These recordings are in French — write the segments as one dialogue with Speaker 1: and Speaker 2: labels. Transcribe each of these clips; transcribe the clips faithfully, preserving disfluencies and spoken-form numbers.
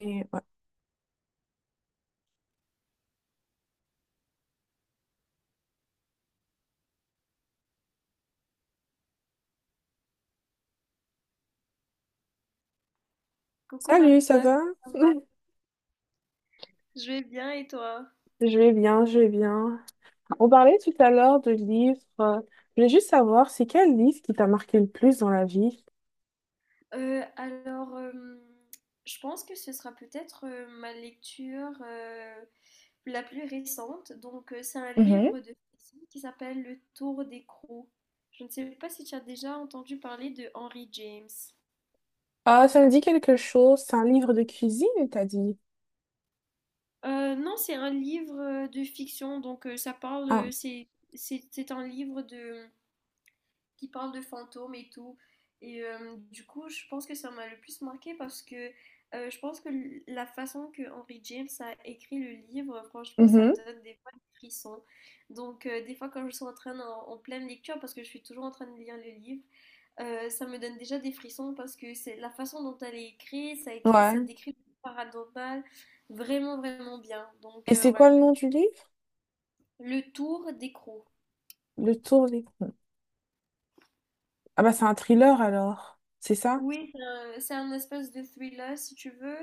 Speaker 1: Et ouais.
Speaker 2: Coucou
Speaker 1: Salut, ça
Speaker 2: Marita,
Speaker 1: va?
Speaker 2: comment ça va? Je vais bien et toi?
Speaker 1: Je vais bien, je vais bien. On parlait tout à l'heure de livres. euh, Je voulais juste savoir, c'est quel livre qui t'a marqué le plus dans la vie?
Speaker 2: Euh, alors, euh, je pense que ce sera peut-être euh, ma lecture euh, la plus récente. Donc, euh, c'est un
Speaker 1: Mhm.
Speaker 2: livre de fiction qui s'appelle Le Tour des Crocs. Je ne sais pas si tu as déjà entendu parler de Henry James.
Speaker 1: Ah, ça me dit quelque chose. C'est un livre de cuisine, t'as dit?
Speaker 2: Euh, non, c'est un livre euh, de fiction, donc euh, ça parle,
Speaker 1: Ah,
Speaker 2: euh, c'est c'est- c'est un livre de, qui parle de fantômes et tout. Et euh, du coup, je pense que ça m'a le plus marqué parce que euh, je pense que l- la façon que Henry James a écrit le livre, franchement, ça
Speaker 1: mhm,
Speaker 2: donne des fois des frissons. Donc, euh, des fois, quand je suis en train en, en pleine lecture, parce que je suis toujours en train de lire le livre, euh, ça me donne déjà des frissons parce que c'est la façon dont elle est écrite, ça, écri- ça
Speaker 1: ouais.
Speaker 2: décrit le paranormal vraiment, vraiment bien. Donc,
Speaker 1: Et
Speaker 2: euh,
Speaker 1: c'est
Speaker 2: ouais.
Speaker 1: quoi le nom du livre?
Speaker 2: Le tour d'écrou.
Speaker 1: Le Tour des... Ah bah c'est un thriller alors. C'est ça?
Speaker 2: Oui, c'est un, c'est un espèce de thriller, si tu veux.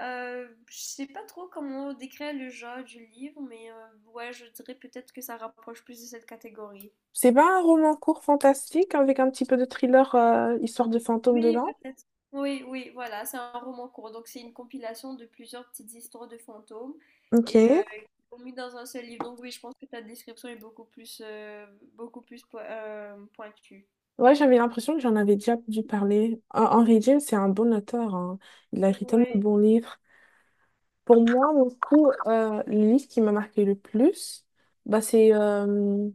Speaker 2: Euh, je sais pas trop comment décrire le genre du livre, mais euh, ouais, je dirais peut-être que ça rapproche plus de cette catégorie.
Speaker 1: C'est pas un roman court fantastique avec un petit peu de thriller, euh, histoire de fantôme
Speaker 2: Oui,
Speaker 1: dedans?
Speaker 2: peut-être. Oui, oui, voilà, c'est un roman court. Donc, c'est une compilation de plusieurs petites histoires de fantômes
Speaker 1: Ok.
Speaker 2: et euh, qui sont mis dans un seul livre. Donc, oui, je pense que ta description est beaucoup plus, euh, beaucoup plus po- euh, pointue.
Speaker 1: Ouais, j'avais l'impression que j'en avais déjà dû parler. Hen- Henry James, c'est un bon auteur, hein. Il a écrit tellement de
Speaker 2: Oui,
Speaker 1: bons livres. Pour moi, du coup, euh, le livre qui m'a marqué le plus, bah, c'est euh,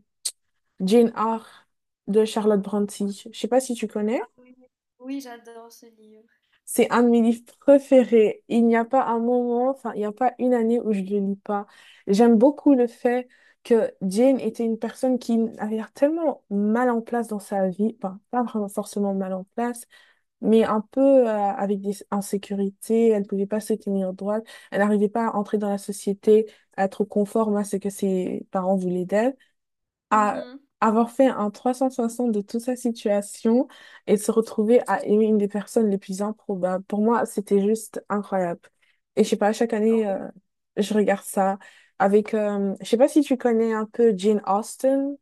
Speaker 1: Jane Eyre de Charlotte Brontë. Je sais pas si tu connais.
Speaker 2: ah oui. Oui, j'adore ce livre.
Speaker 1: C'est un de mes livres préférés. Il n'y a pas un moment, enfin, il n'y a pas une année où je ne le lis pas. J'aime beaucoup le fait que Jane était une personne qui avait l'air tellement mal en place dans sa vie. Enfin, pas vraiment forcément mal en place mais un peu euh, avec des insécurités. Elle ne pouvait pas se tenir droite. Elle n'arrivait pas à entrer dans la société, à être conforme à ce que ses parents voulaient d'elle. À
Speaker 2: Mhm.
Speaker 1: avoir fait un trois cent soixante de toute sa situation et de se retrouver à aimer une des personnes les plus improbables. Pour moi, c'était juste incroyable. Et je sais pas, chaque
Speaker 2: Ah
Speaker 1: année,
Speaker 2: oui.
Speaker 1: euh, je regarde ça avec... euh, je sais pas si tu connais un peu Jane Austen.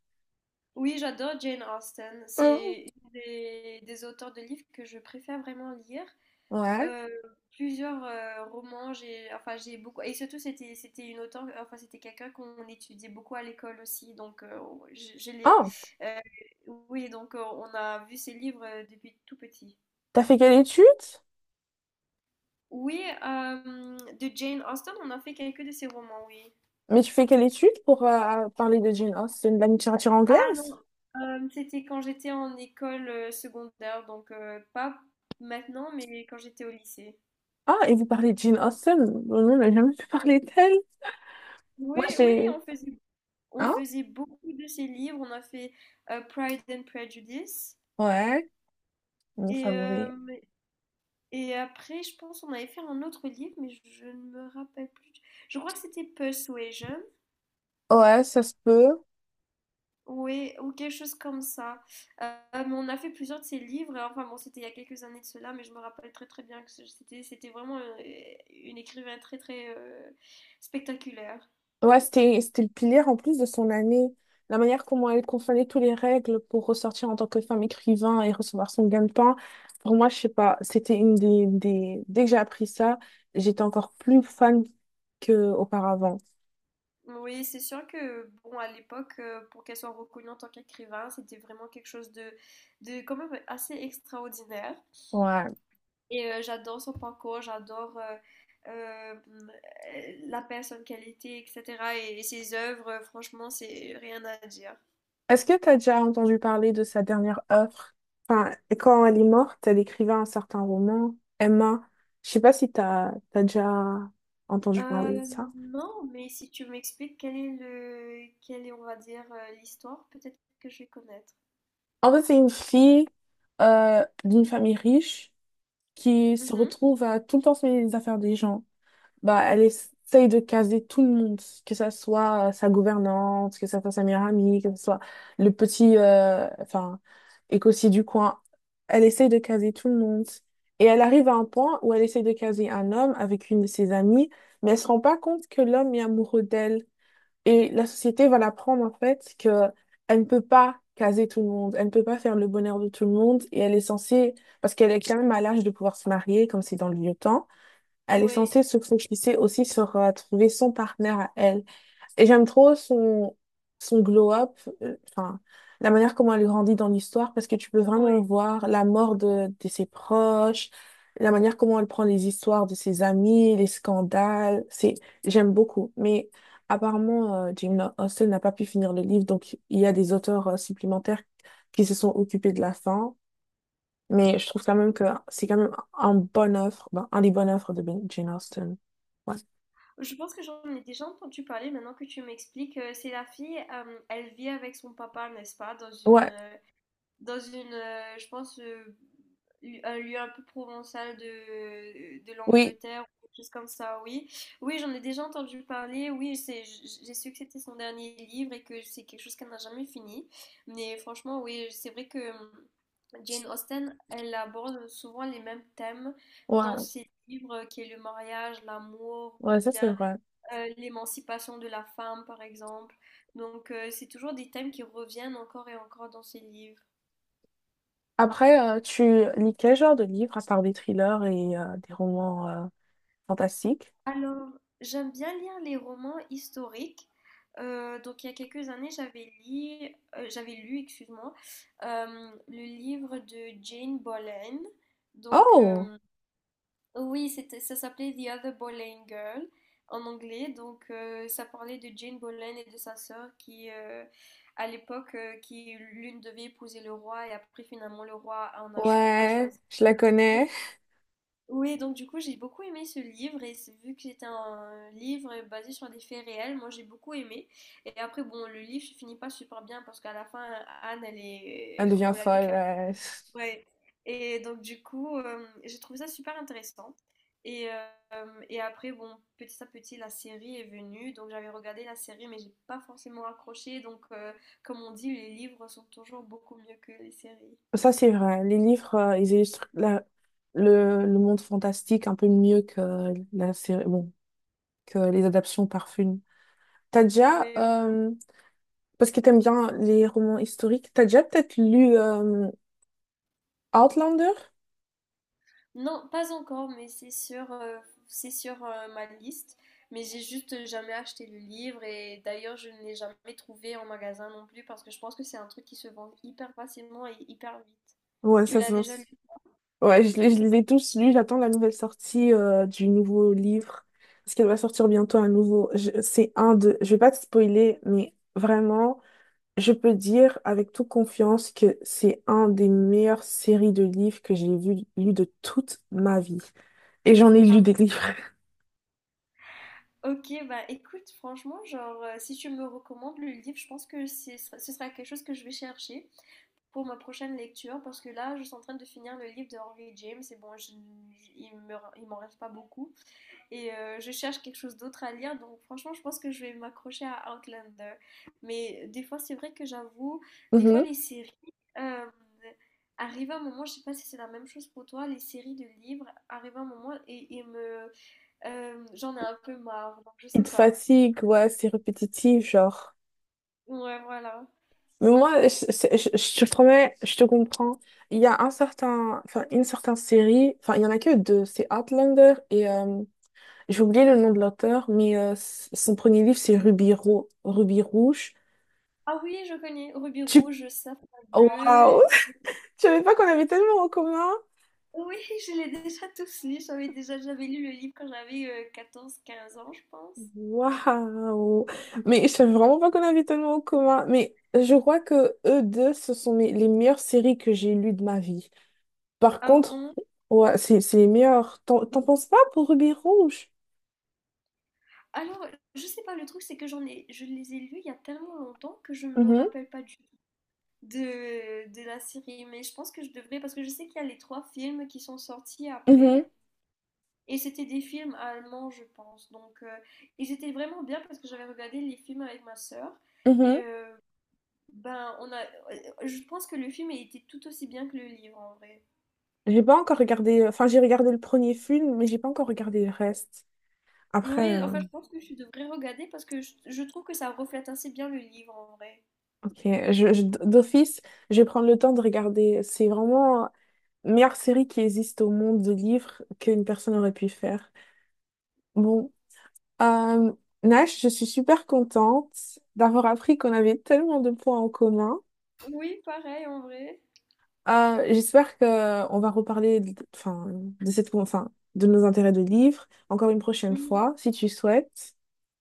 Speaker 2: Oui, j'adore Jane Austen.
Speaker 1: Mhm.
Speaker 2: C'est une des, des auteurs de livres que je préfère vraiment lire.
Speaker 1: Ouais.
Speaker 2: Euh, Plusieurs euh, romans, j'ai enfin j'ai beaucoup et surtout c'était c'était une auteure enfin c'était quelqu'un qu'on étudiait beaucoup à l'école aussi donc euh, on- je, je l'ai
Speaker 1: Ah,
Speaker 2: euh, oui donc euh, on a vu ses livres euh, depuis tout petit.
Speaker 1: t'as fait quelle étude?
Speaker 2: Oui, euh, de Jane Austen, on a fait quelques de ses romans, oui.
Speaker 1: Mais tu fais quelle étude pour euh, parler de Jane Austen, de la littérature
Speaker 2: Ah
Speaker 1: anglaise?
Speaker 2: non, euh, c'était quand j'étais en école euh, secondaire donc euh, pas maintenant mais quand j'étais au lycée.
Speaker 1: Ah, et vous parlez de Jane Austen? Nous, on n'a jamais pu parler d'elle. Moi,
Speaker 2: Oui, oui,
Speaker 1: j'ai...
Speaker 2: on faisait on
Speaker 1: Hein?
Speaker 2: faisait beaucoup de ces livres. On a fait euh, Pride and Prejudice.
Speaker 1: Ouais, mon
Speaker 2: Et,
Speaker 1: favori.
Speaker 2: euh, et après, je pense on avait fait un autre livre, mais je, je ne me rappelle plus. Je crois que c'était Persuasion.
Speaker 1: Ouais, ça se peut.
Speaker 2: Oui, ou quelque chose comme ça. Euh, mais on a fait plusieurs de ces livres. Et enfin bon, c'était il y a quelques années de cela, mais je me rappelle très très bien que c'était c'était vraiment euh, une écrivain très très euh, spectaculaire.
Speaker 1: Ouais, c'était, c'était le pilier en plus de son année. La manière comment elle confondait toutes les règles pour ressortir en tant que femme écrivain et recevoir son gain de pain. Pour moi, je sais pas, c'était une des, des... Dès que j'ai appris ça, j'étais encore plus fan qu'auparavant.
Speaker 2: Oui, c'est sûr que, bon, à l'époque, euh, pour qu'elle soit reconnue en tant qu'écrivain, c'était vraiment quelque chose de, de quand même assez extraordinaire.
Speaker 1: Ouais.
Speaker 2: Et euh, j'adore son parcours, j'adore euh, euh, euh, la personne qu'elle était, et cetera. Et, et ses œuvres, euh, franchement, c'est rien à dire.
Speaker 1: Est-ce que tu as déjà entendu parler de sa dernière œuvre? Enfin, quand elle est morte, elle écrivait un certain roman, Emma. Je sais pas si tu as déjà entendu parler de
Speaker 2: Euh,
Speaker 1: ça.
Speaker 2: non, mais si tu m'expliques quel est le, quelle est, on va dire, euh, l'histoire, peut-être que je vais connaître.
Speaker 1: En fait, c'est une fille euh, d'une famille riche qui se
Speaker 2: Mhm.
Speaker 1: retrouve à tout le temps se mêler des affaires des gens. Bah, elle essaye de caser tout le monde, que ça soit euh, sa gouvernante, que ça soit sa meilleure amie, que ça soit le petit euh, enfin, écossais du coin. Elle essaye de caser tout le monde. Et elle arrive à un point où elle essaye de caser un homme avec une de ses amies, mais elle se rend pas compte que l'homme est amoureux d'elle. Et la société va l'apprendre en fait que elle ne peut pas caser tout le monde, elle ne peut pas faire le bonheur de tout le monde, et elle est censée, parce qu'elle est quand même à l'âge de pouvoir se marier, comme c'est dans le vieux temps, elle est
Speaker 2: Oui,
Speaker 1: censée se focaliser aussi sur euh, trouver son partenaire à elle. Et j'aime trop son, son glow-up, euh, enfin, la manière comment elle grandit dans l'histoire, parce que tu peux vraiment
Speaker 2: oui.
Speaker 1: voir la mort de, de ses proches, la manière comment elle prend les histoires de ses amis, les scandales. C'est, j'aime beaucoup. Mais apparemment, euh, Jane Austen n'a pas pu finir le livre, donc il y a des auteurs euh, supplémentaires qui se sont occupés de la fin. Mais je trouve quand même que c'est quand même un bonne offre, ben, un des bonnes offres de Ben- Jane Austen. Ouais.
Speaker 2: Je pense que j'en ai déjà entendu parler maintenant que tu m'expliques. Euh, C'est la fille, euh, elle vit avec son papa, n'est-ce pas, dans une,
Speaker 1: Ouais,
Speaker 2: euh, dans une, euh, je pense, euh, lu- un lieu un peu provençal de, de
Speaker 1: oui,
Speaker 2: l'Angleterre, ou quelque chose comme ça, oui. Oui, j'en ai déjà entendu parler. Oui, c'est- j- j'ai su que c'était son dernier livre et que c'est quelque chose qu'elle n'a jamais fini. Mais franchement, oui, c'est vrai que hum, Jane Austen, elle aborde souvent les mêmes thèmes
Speaker 1: ouais,
Speaker 2: dans ses livres, euh, qui est le mariage, l'amour, ou
Speaker 1: ouais, ça
Speaker 2: bien
Speaker 1: c'est vrai.
Speaker 2: euh, l'émancipation de la femme, par exemple. Donc, euh, c'est toujours des thèmes qui reviennent encore et encore dans ces livres.
Speaker 1: Après, euh, tu lis quel genre de livres à part des thrillers et euh, des romans euh, fantastiques?
Speaker 2: Alors, j'aime bien lire les romans historiques. Euh, donc, il y a quelques années, j'avais lu, j'avais lu, excuse-moi, euh, le livre de Jane Boleyn. Donc,
Speaker 1: Oh,
Speaker 2: euh, Oui, c'était, ça s'appelait The Other Boleyn Girl en anglais. Donc, euh, ça parlait de Jane Boleyn et de sa sœur qui, euh, à l'époque, euh, qui l'une devait épouser le roi et après, finalement, le roi en a, cho- a
Speaker 1: ouais,
Speaker 2: choisi
Speaker 1: je la
Speaker 2: une.
Speaker 1: connais.
Speaker 2: Oui, donc du coup, j'ai beaucoup aimé ce livre et c'est- vu que c'était un livre basé sur des faits réels, moi j'ai beaucoup aimé. Et après, bon, le livre se finit pas super bien parce qu'à la fin, Anne, elle
Speaker 1: Elle
Speaker 2: est,
Speaker 1: devient
Speaker 2: on la
Speaker 1: folle.
Speaker 2: décapite.
Speaker 1: euh.
Speaker 2: Ouais. Et donc du coup, euh, j'ai trouvé ça super intéressant. Et, euh, et après, bon, petit à petit, la série est venue. Donc j'avais regardé la série, mais j'ai pas forcément accroché. Donc euh, comme on dit, les livres sont toujours beaucoup mieux que les séries.
Speaker 1: Ça c'est vrai. Les livres, euh, ils illustrent la- le, le monde fantastique un peu mieux que la série, bon, que les adaptations par film. T'as déjà,
Speaker 2: Oui, oui.
Speaker 1: euh, parce que t'aimes bien les romans historiques. T'as déjà peut-être lu euh, Outlander?
Speaker 2: Non, pas encore, mais c'est sur, euh, c'est sur euh, ma liste. Mais j'ai juste jamais acheté le livre et d'ailleurs je ne l'ai jamais trouvé en magasin non plus parce que je pense que c'est un truc qui se vend hyper facilement et hyper vite.
Speaker 1: Ouais,
Speaker 2: Tu
Speaker 1: ça se
Speaker 2: l'as
Speaker 1: vend.
Speaker 2: déjà lu?
Speaker 1: Ouais, je, les je les ai tous lus. J'attends la nouvelle sortie euh, du nouveau livre. Parce qu'elle va sortir bientôt un nouveau. Je- C'est un de. Je vais pas te spoiler, mais vraiment, je peux dire avec toute confiance que c'est un des meilleures séries de livres que j'ai vu, lu de toute ma vie. Et j'en ai lu des livres.
Speaker 2: Ok, bah écoute, franchement, genre, euh, si tu me recommandes le livre, je pense que ce sera, ce sera quelque chose que je vais chercher pour ma prochaine lecture, parce que là, je suis en train de finir le livre de Henry James, et bon, je- il me, il m'en reste pas beaucoup, et euh, je cherche quelque chose d'autre à lire, donc franchement, je pense que je vais m'accrocher à Outlander. Mais des fois, c'est vrai que j'avoue, des fois,
Speaker 1: Mhm.
Speaker 2: les séries, euh, arrive un moment, je sais pas si c'est la même chose pour toi, les séries de livres, arrive un moment et, et me euh, j'en ai un peu marre, donc je
Speaker 1: Il
Speaker 2: sais
Speaker 1: te
Speaker 2: pas.
Speaker 1: fatigue, ouais, c'est répétitif, genre.
Speaker 2: Ouais, voilà.
Speaker 1: Mais moi, je, c'est- je- je te promets, je te comprends. Il y a un certain, enfin, une certaine série, enfin, il y en a que deux, c'est Outlander et euh, j'ai oublié le nom de l'auteur, mais euh, s- son premier livre, c'est Ruby, Ro- Ruby Rouge.
Speaker 2: Ah oui, je connais Ruby
Speaker 1: Tu...
Speaker 2: Rouge, Safran
Speaker 1: Oh,
Speaker 2: Bleu.
Speaker 1: waouh! Je savais pas qu'on avait tellement en commun.
Speaker 2: Oui, je l'ai déjà tous lus. J'avais déjà j'avais lu le livre quand j'avais euh, quatorze, quinze ans, je pense.
Speaker 1: Waouh! Mais je savais vraiment pas qu'on avait tellement en commun. Mais je crois que eux deux, ce sont mes- les meilleures séries que j'ai lues de ma vie. Par
Speaker 2: Ah
Speaker 1: contre,
Speaker 2: bon?
Speaker 1: ouais, c'est c'est les meilleures. T'en t'en penses pas pour Ruby Rouge?
Speaker 2: Alors, je sais pas, le truc, c'est que j'en ai, je les ai lus il y a tellement longtemps que je me
Speaker 1: Mhm,
Speaker 2: rappelle pas du tout de, de la série. Mais je pense que je devrais, parce que je sais qu'il y a les trois films qui sont sortis
Speaker 1: mhm,
Speaker 2: après. Et c'était des films allemands, je pense. Donc, euh, ils étaient vraiment bien parce que j'avais regardé les films avec ma sœur. Et
Speaker 1: mhm.
Speaker 2: euh, ben, on a, euh, je pense que le film a été tout aussi bien que le livre en vrai.
Speaker 1: J'ai pas encore regardé, enfin j'ai regardé le premier film, mais j'ai pas encore regardé le reste. Après,
Speaker 2: Oui,
Speaker 1: euh,
Speaker 2: enfin, je pense que je devrais regarder parce que je, je trouve que ça reflète assez bien le livre en vrai.
Speaker 1: ok, je, je- d'office, je vais prendre le temps de regarder. C'est vraiment la meilleure série qui existe au monde de livres qu'une personne aurait pu faire. Bon, euh, Nash, je suis super contente d'avoir appris qu'on avait tellement de points en commun.
Speaker 2: Oui, pareil en vrai.
Speaker 1: Euh, j'espère que on va reparler, de- enfin, de cette, enfin, de nos intérêts de livres encore une prochaine
Speaker 2: Mm.
Speaker 1: fois, si tu souhaites.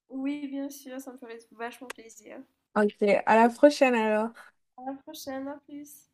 Speaker 2: Oui, bien sûr, ça me ferait vachement plaisir.
Speaker 1: Ok, à la prochaine alors.
Speaker 2: À la prochaine, à plus.